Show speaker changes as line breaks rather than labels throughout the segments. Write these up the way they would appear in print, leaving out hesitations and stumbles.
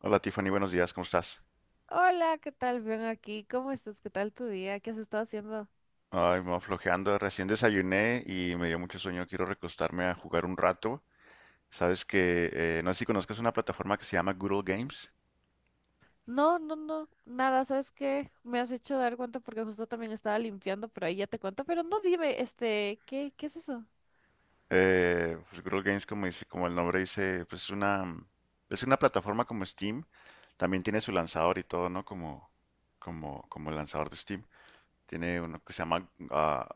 Hola Tiffany, buenos días, ¿cómo estás?
Hola, ¿qué tal? Bien aquí. ¿Cómo estás? ¿Qué tal tu día? ¿Qué has estado haciendo?
Ay, me flojeando, recién desayuné y me dio mucho sueño, quiero recostarme a jugar un rato. Sabes que, no sé si conozcas una plataforma que se llama Good Old Games.
No, nada, ¿sabes qué? Me has hecho dar cuenta porque justo también estaba limpiando, pero ahí ya te cuento, pero no dime, ¿qué es eso?
Pues Good Old Games, como dice, como el nombre dice, pues es una plataforma como Steam. También tiene su lanzador y todo, ¿no? Como el lanzador de Steam. Tiene uno que se llama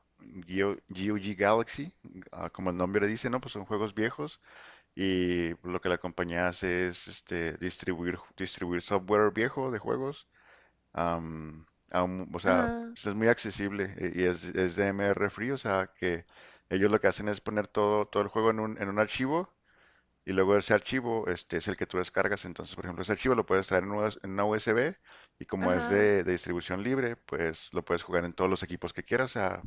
GOG Galaxy, ah, como el nombre dice, ¿no? Pues son juegos viejos. Y lo que la compañía hace es este, distribuir software viejo de juegos. am, o sea,
Ajá,
pues, es muy accesible, y es de R Free. O sea, que ellos lo que hacen es poner todo el juego en en un archivo, y luego ese archivo este, es el que tú descargas. Entonces, por ejemplo, ese archivo lo puedes traer en en una USB, y como es
ajá,
de distribución libre, pues lo puedes jugar en todos los equipos que quieras. O sea,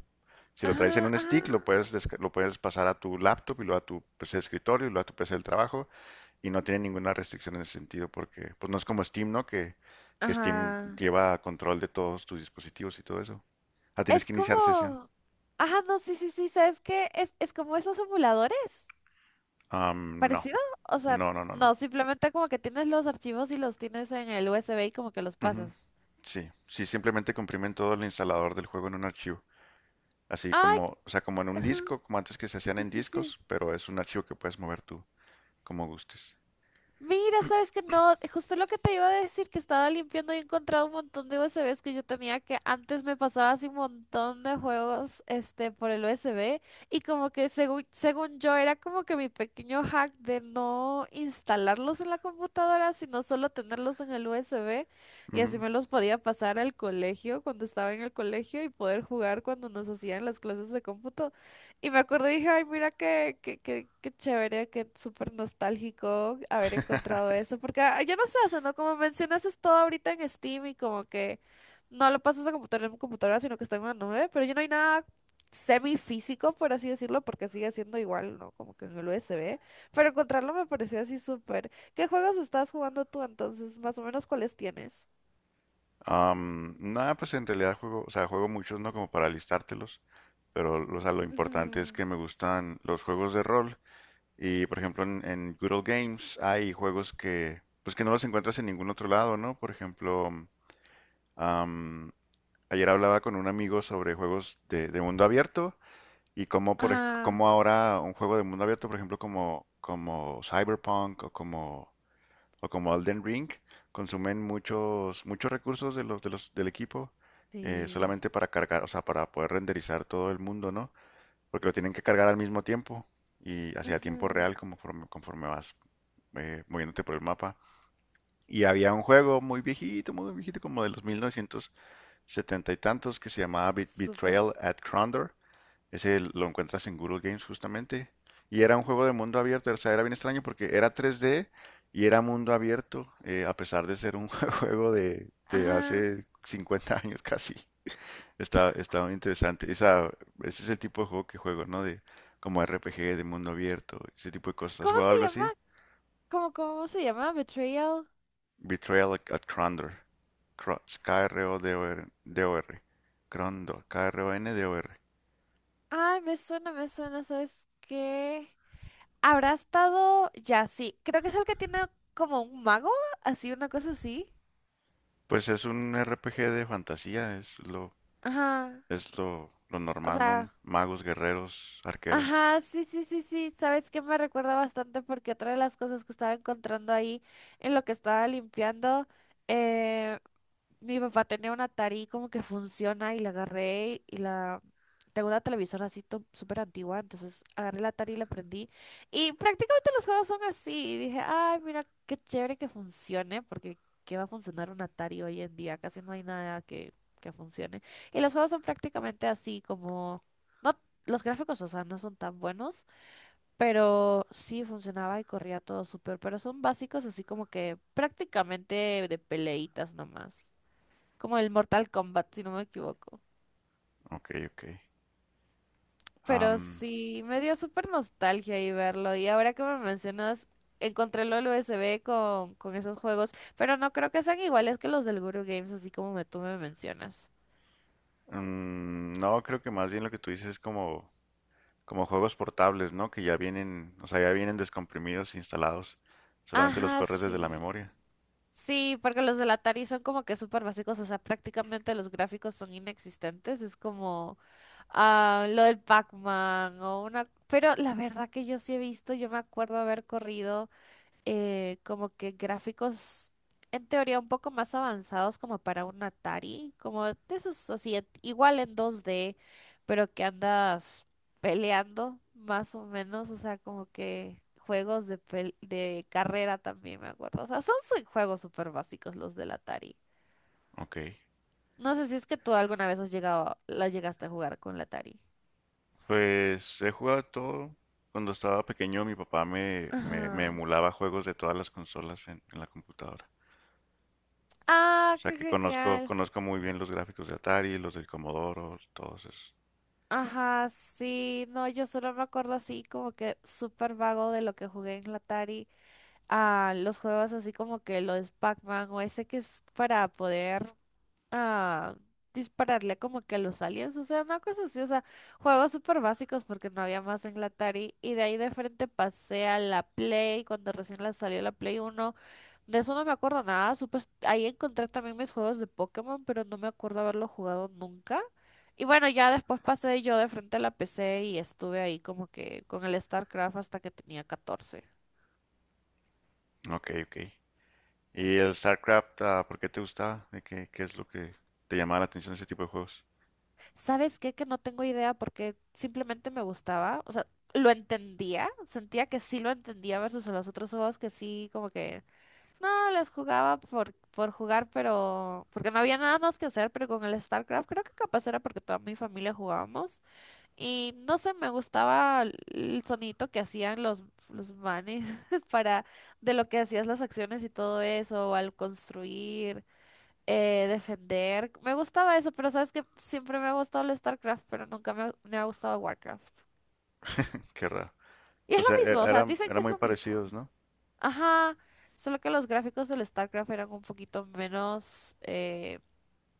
si lo traes en
ajá,
un stick,
ajá,
lo puedes pasar a tu laptop y luego a tu PC de escritorio y luego a tu PC del trabajo. Y no tiene ninguna restricción en ese sentido porque pues no es como Steam, ¿no? Que Steam
ajá.
lleva control de todos tus dispositivos y todo eso. Ah, tienes
Es
que iniciar sesión.
como, ajá, no, sí, ¿sabes qué? Es como esos emuladores,
Am, no,
parecido, o sea,
no, no.
no, simplemente como que tienes los archivos y los tienes en el USB y como que los
Ujú.
pasas.
Sí, sí, simplemente comprimen todo el instalador del juego en un archivo. Así
Ay,
como, o sea, como en un
ajá,
disco, como antes que se hacían
sí,
en
sí, sí.
discos, pero es un archivo que puedes mover tú como gustes.
Mira, sabes que no, justo lo que te iba a decir, que estaba limpiando y he encontrado un montón de USBs que yo tenía, que antes me pasaba así un montón de juegos este por el USB y como que según yo era como que mi pequeño hack de no instalarlos en la computadora, sino solo tenerlos en el USB y así
Ujú.
me los podía pasar al colegio cuando estaba en el colegio y poder jugar cuando nos hacían las clases de cómputo. Y me acordé y dije, ay, mira qué chévere, qué súper nostálgico haber encontrado eso. Porque ah, yo no sé, o sea, ¿no? Como mencionas, es todo ahorita en Steam y como que no lo pasas a computadora en computadora, sino que está en una nube. Pero ya no hay nada semifísico, por así decirlo, porque sigue siendo igual, ¿no? Como que en el USB. Pero encontrarlo me pareció así súper. ¿Qué juegos estás jugando tú entonces? Más o menos, ¿cuáles tienes?
Nada, pues en realidad juego, o sea, juego muchos, ¿no? Como para listártelos, pero o sea, lo importante es que me gustan los juegos de rol. Y, por ejemplo, en Good Old Games hay juegos que, pues que no los encuentras en ningún otro lado, ¿no? Por ejemplo, am, ayer hablaba con un amigo sobre juegos de mundo abierto. Y como,
Ah,
como ahora un juego de mundo abierto, por ejemplo, como Cyberpunk o o como Elden Ring, consumen muchos recursos de del equipo,
sí.
solamente para cargar, o sea, para poder renderizar todo el mundo, ¿no? Porque lo tienen que cargar al mismo tiempo y hacia tiempo
Ujú.
real conforme vas moviéndote por el mapa. Y había un juego muy viejito, como de los 1970 y tantos, que se llamaba
Súper.
Betrayal at Crondor. Ese lo encuentras en Google Games justamente. Y era un juego de mundo abierto, o sea, era bien extraño porque era 3D y era mundo abierto, a pesar de ser un juego de
Ah,
hace 50 años casi. Está muy interesante. Ese es el tipo de juego que juego, ¿no? De, como RPG de mundo abierto, ese tipo de cosas. ¿Has
¿cómo
jugado
se
algo
llama?
así?
¿Cómo se llama? Betrayal.
Betrayal at Krondor. K-R-O-D-O-R. R O d o. Krondor. K-R-O-N-D-O-R. K R O N D O R.
Ay, me suena, ¿sabes qué? ¿Habrá estado? Ya, sí. Creo que es el que tiene como un mago, así, una cosa así.
Pues es un RPG de fantasía,
Ajá.
es lo
O
normal, ¿no?
sea,
Magos, guerreros, arqueros.
ajá, sí. ¿Sabes qué? Me recuerda bastante porque otra de las cosas que estaba encontrando ahí en lo que estaba limpiando. eh, Mi papá tenía una Atari como que funciona y la agarré y la... Tengo una televisora así súper antigua, entonces agarré la Atari y la prendí. Y prácticamente los juegos son así. Y dije, ay, mira, qué chévere que funcione, porque ¿qué va a funcionar un Atari hoy en día? Casi no hay nada que funcione. Y los juegos son prácticamente así, como... No, los gráficos, o sea, no son tan buenos, pero sí funcionaba y corría todo súper. Pero son básicos, así como que prácticamente de peleitas nomás, como el Mortal Kombat, si no me equivoco.
Ok, ok.
Pero
Am,
sí, me dio súper nostalgia y verlo. Y ahora que me mencionas, encontré el USB con esos juegos, pero no creo que sean iguales que los del Guru Games, así como tú me mencionas.
no, creo que más bien lo que tú dices es como, como juegos portables, ¿no? Que ya vienen, o sea, ya vienen descomprimidos, instalados. Solamente los
Ajá,
corres desde la
sí.
memoria.
Sí, porque los del Atari son como que súper básicos, o sea, prácticamente los gráficos son inexistentes. Es como ah, lo del Pac-Man o una... Pero la verdad que yo sí he visto, yo me acuerdo haber corrido. Como que gráficos en teoría un poco más avanzados como para un Atari, como de esos así, igual en dos d, pero que andas peleando más o menos, o sea, como que juegos de, de carrera también me acuerdo, o sea, son juegos súper básicos los del Atari.
Ok.
No sé si es que tú alguna vez has llegado, la llegaste a jugar con la Atari.
Pues he jugado todo. Cuando estaba pequeño, mi papá me
Ajá.
emulaba juegos de todas las consolas en la computadora.
Ah,
O sea
qué
que
genial.
conozco muy bien los gráficos de Atari, los del Commodore, todos esos.
Ajá, sí, no, yo solo me acuerdo así como que súper vago de lo que jugué en la Atari, a los juegos así como que los Pac-Man o ese que es para poder a dispararle como que a los aliens, o sea, una cosa así, o sea, juegos súper básicos porque no había más en la Atari y de ahí de frente pasé a la Play cuando recién la salió la Play uno. De eso no me acuerdo nada, supe, ahí encontré también mis juegos de Pokémon, pero no me acuerdo haberlo jugado nunca. Y bueno, ya después pasé yo de frente a la PC y estuve ahí como que con el StarCraft hasta que tenía catorce.
Ok, ok. ¿Y el StarCraft, ah, por qué te gustaba? De qué es lo que te llamaba la atención de ese tipo de juegos?
¿Sabes qué? Que no tengo idea porque simplemente me gustaba. O sea, lo entendía. Sentía que sí lo entendía versus los otros juegos que sí, como que no les jugaba por jugar, pero porque no había nada más que hacer. Pero con el StarCraft creo que capaz era porque toda mi familia jugábamos. Y no sé, me gustaba el sonidito que hacían los manes para de lo que hacías las acciones y todo eso, o al construir defender. Me gustaba eso, pero sabes que siempre me ha gustado el StarCraft, pero nunca me, me ha gustado Warcraft.
Qué raro.
Y es
O
lo
sea,
mismo, o sea, dicen que
eran
es
muy
lo mismo.
parecidos, ¿no?
Ajá, solo que los gráficos del StarCraft eran un poquito menos.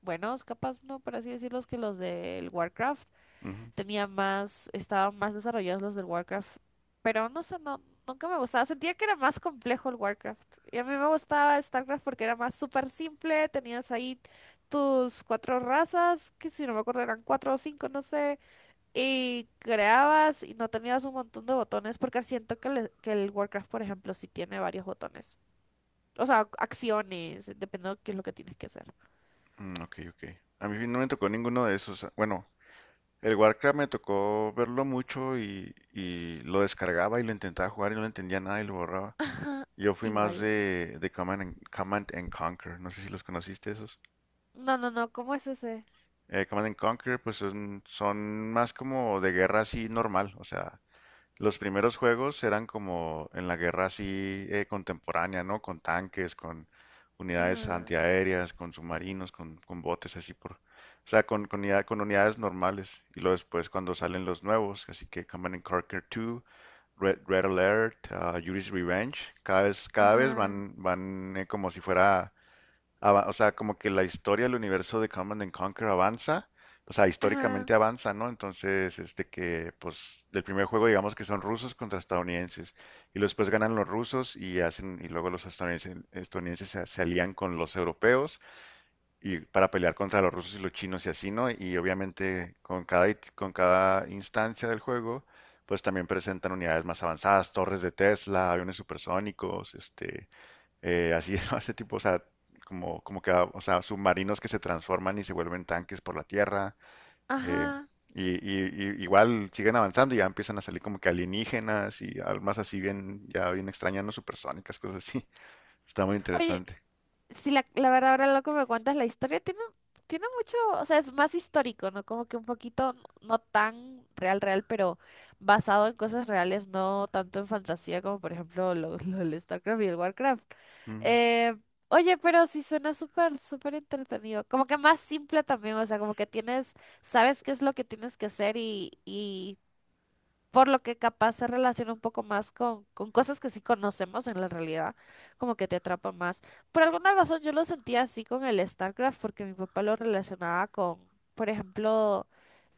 Buenos, capaz no, por así decirlos, que los del Warcraft.
Ujú.
Tenía más, estaban más desarrollados los del Warcraft. Pero no sé, no, nunca me gustaba. Sentía que era más complejo el Warcraft. Y a mí me gustaba StarCraft porque era más súper simple. Tenías ahí tus cuatro razas, que si no me acuerdo eran cuatro o cinco, no sé. Y creabas y no tenías un montón de botones porque siento que, que el Warcraft, por ejemplo, sí tiene varios botones. O sea, acciones, dependiendo de qué es lo que tienes que hacer.
Mm, ok, ok. A mí no me tocó ninguno de esos. Bueno, el Warcraft me tocó verlo mucho y lo descargaba y lo intentaba jugar y no le entendía nada y lo borraba.
Ajá.
Yo fui más
Igual.
de Command and Conquer. No sé si los conociste esos.
No, ¿cómo es ese?
Command and Conquer, pues son más como de guerra así normal. O sea, los primeros juegos eran como en la guerra así, contemporánea, ¿no? Con tanques, con unidades
Ajá,
antiaéreas, con submarinos, con botes así por... O sea, con unidades normales. Y luego después cuando salen los nuevos, así que Command and Conquer 2, Red Alert, ah, Yuri's Revenge, cada vez
ajá,
van, como si fuera o sea, como que la historia del universo de Command and Conquer avanza, o sea,
ajá,
históricamente avanza, ¿no? Entonces, este que, pues, del primer juego digamos que son rusos contra estadounidenses, y luego después ganan los rusos y hacen, y luego estadounidenses se, se alían con los europeos y para pelear contra los rusos y los chinos y así, ¿no? Y obviamente con con cada instancia del juego, pues también presentan unidades más avanzadas, torres de Tesla, aviones supersónicos, este así, ¿no? Ese tipo, o sea, o sea, submarinos que se transforman y se vuelven tanques por la tierra. eh,
ajá.
y igual siguen avanzando y ya empiezan a salir como que alienígenas y almas así bien, ya bien extrañas, no supersónicas, cosas así. Está muy
Oye,
interesante.
si la verdad ahora lo que me cuentas, la historia tiene, tiene mucho, o sea, es más histórico, ¿no? Como que un poquito, no no tan real, pero basado en cosas reales, no tanto en fantasía como por ejemplo lo del StarCraft y el Warcraft.
Mm,
Eh, oye, pero sí suena súper entretenido. Como que más simple también, o sea, como que tienes, sabes qué es lo que tienes que hacer y por lo que capaz se relaciona un poco más con cosas que sí conocemos en la realidad, como que te atrapa más. Por alguna razón yo lo sentía así con el StarCraft, porque mi papá lo relacionaba con, por ejemplo,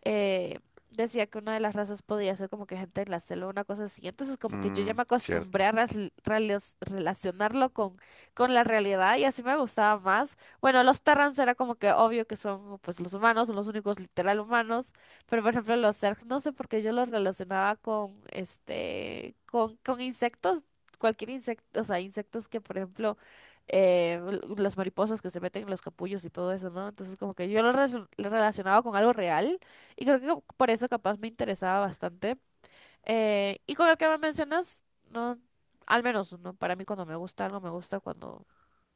eh, decía que una de las razas podía ser como que gente en la selva, una cosa así. Entonces como que yo ya me
cierto.
acostumbré a relacionarlo con la realidad y así me gustaba más. Bueno, los Terrans era como que obvio que son pues los humanos, son los únicos literal humanos. Pero por ejemplo, los Zerg, no sé por qué yo los relacionaba con con insectos, cualquier insecto, o sea, insectos que, por ejemplo, eh, las mariposas que se meten en los capullos y todo eso, ¿no? Entonces, como que yo los los relacionaba con algo real y creo que por eso capaz me interesaba bastante. Y con el que me mencionas, no, al menos, ¿no? Para mí cuando me gusta algo, me gusta cuando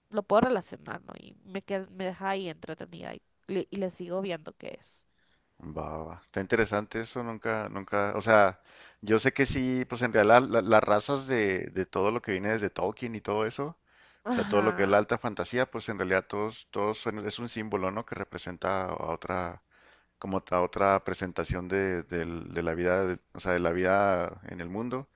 lo puedo relacionar, ¿no? Y me me deja ahí entretenida y le sigo viendo qué es.
Va, va, va. Está interesante eso, nunca, o sea, yo sé que sí, pues en realidad de todo lo que viene desde Tolkien y todo eso, o sea, todo lo que es la
Ajá.
alta fantasía, pues en realidad es un símbolo, ¿no? Que representa a otra, como a otra presentación de la vida, o sea, de la vida en el mundo,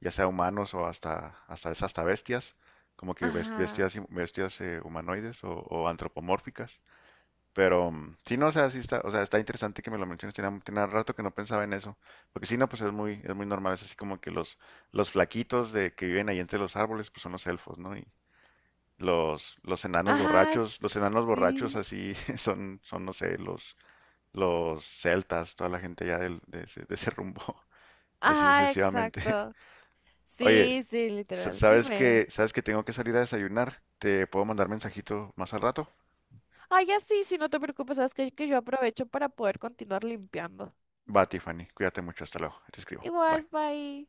ya sea humanos o hasta bestias,
Ajá,
bestias humanoides o antropomórficas. Pero mm, sí, no, o sea, sí está, o sea, está interesante que me lo menciones, tenía rato que no pensaba en eso, porque sí, no, pues es es muy normal, es así como que los flaquitos de que viven ahí entre los árboles, pues son los elfos, ¿no? Y
ajá,
los enanos borrachos
sí,
así, son, no sé, los celtas, toda la gente ya de ese rumbo, y así
ajá,
sucesivamente.
exacto.
Oye,
Sí, sí, literal. Dime.
sabes que tengo que salir a desayunar? ¿Te puedo mandar mensajito más al rato?
Ay, ya, sí, sí, no te preocupes, sabes que yo aprovecho para poder continuar limpiando.
Va, Tiffany, cuídate mucho, hasta luego, te escribo,
Igual,
bye.
bye.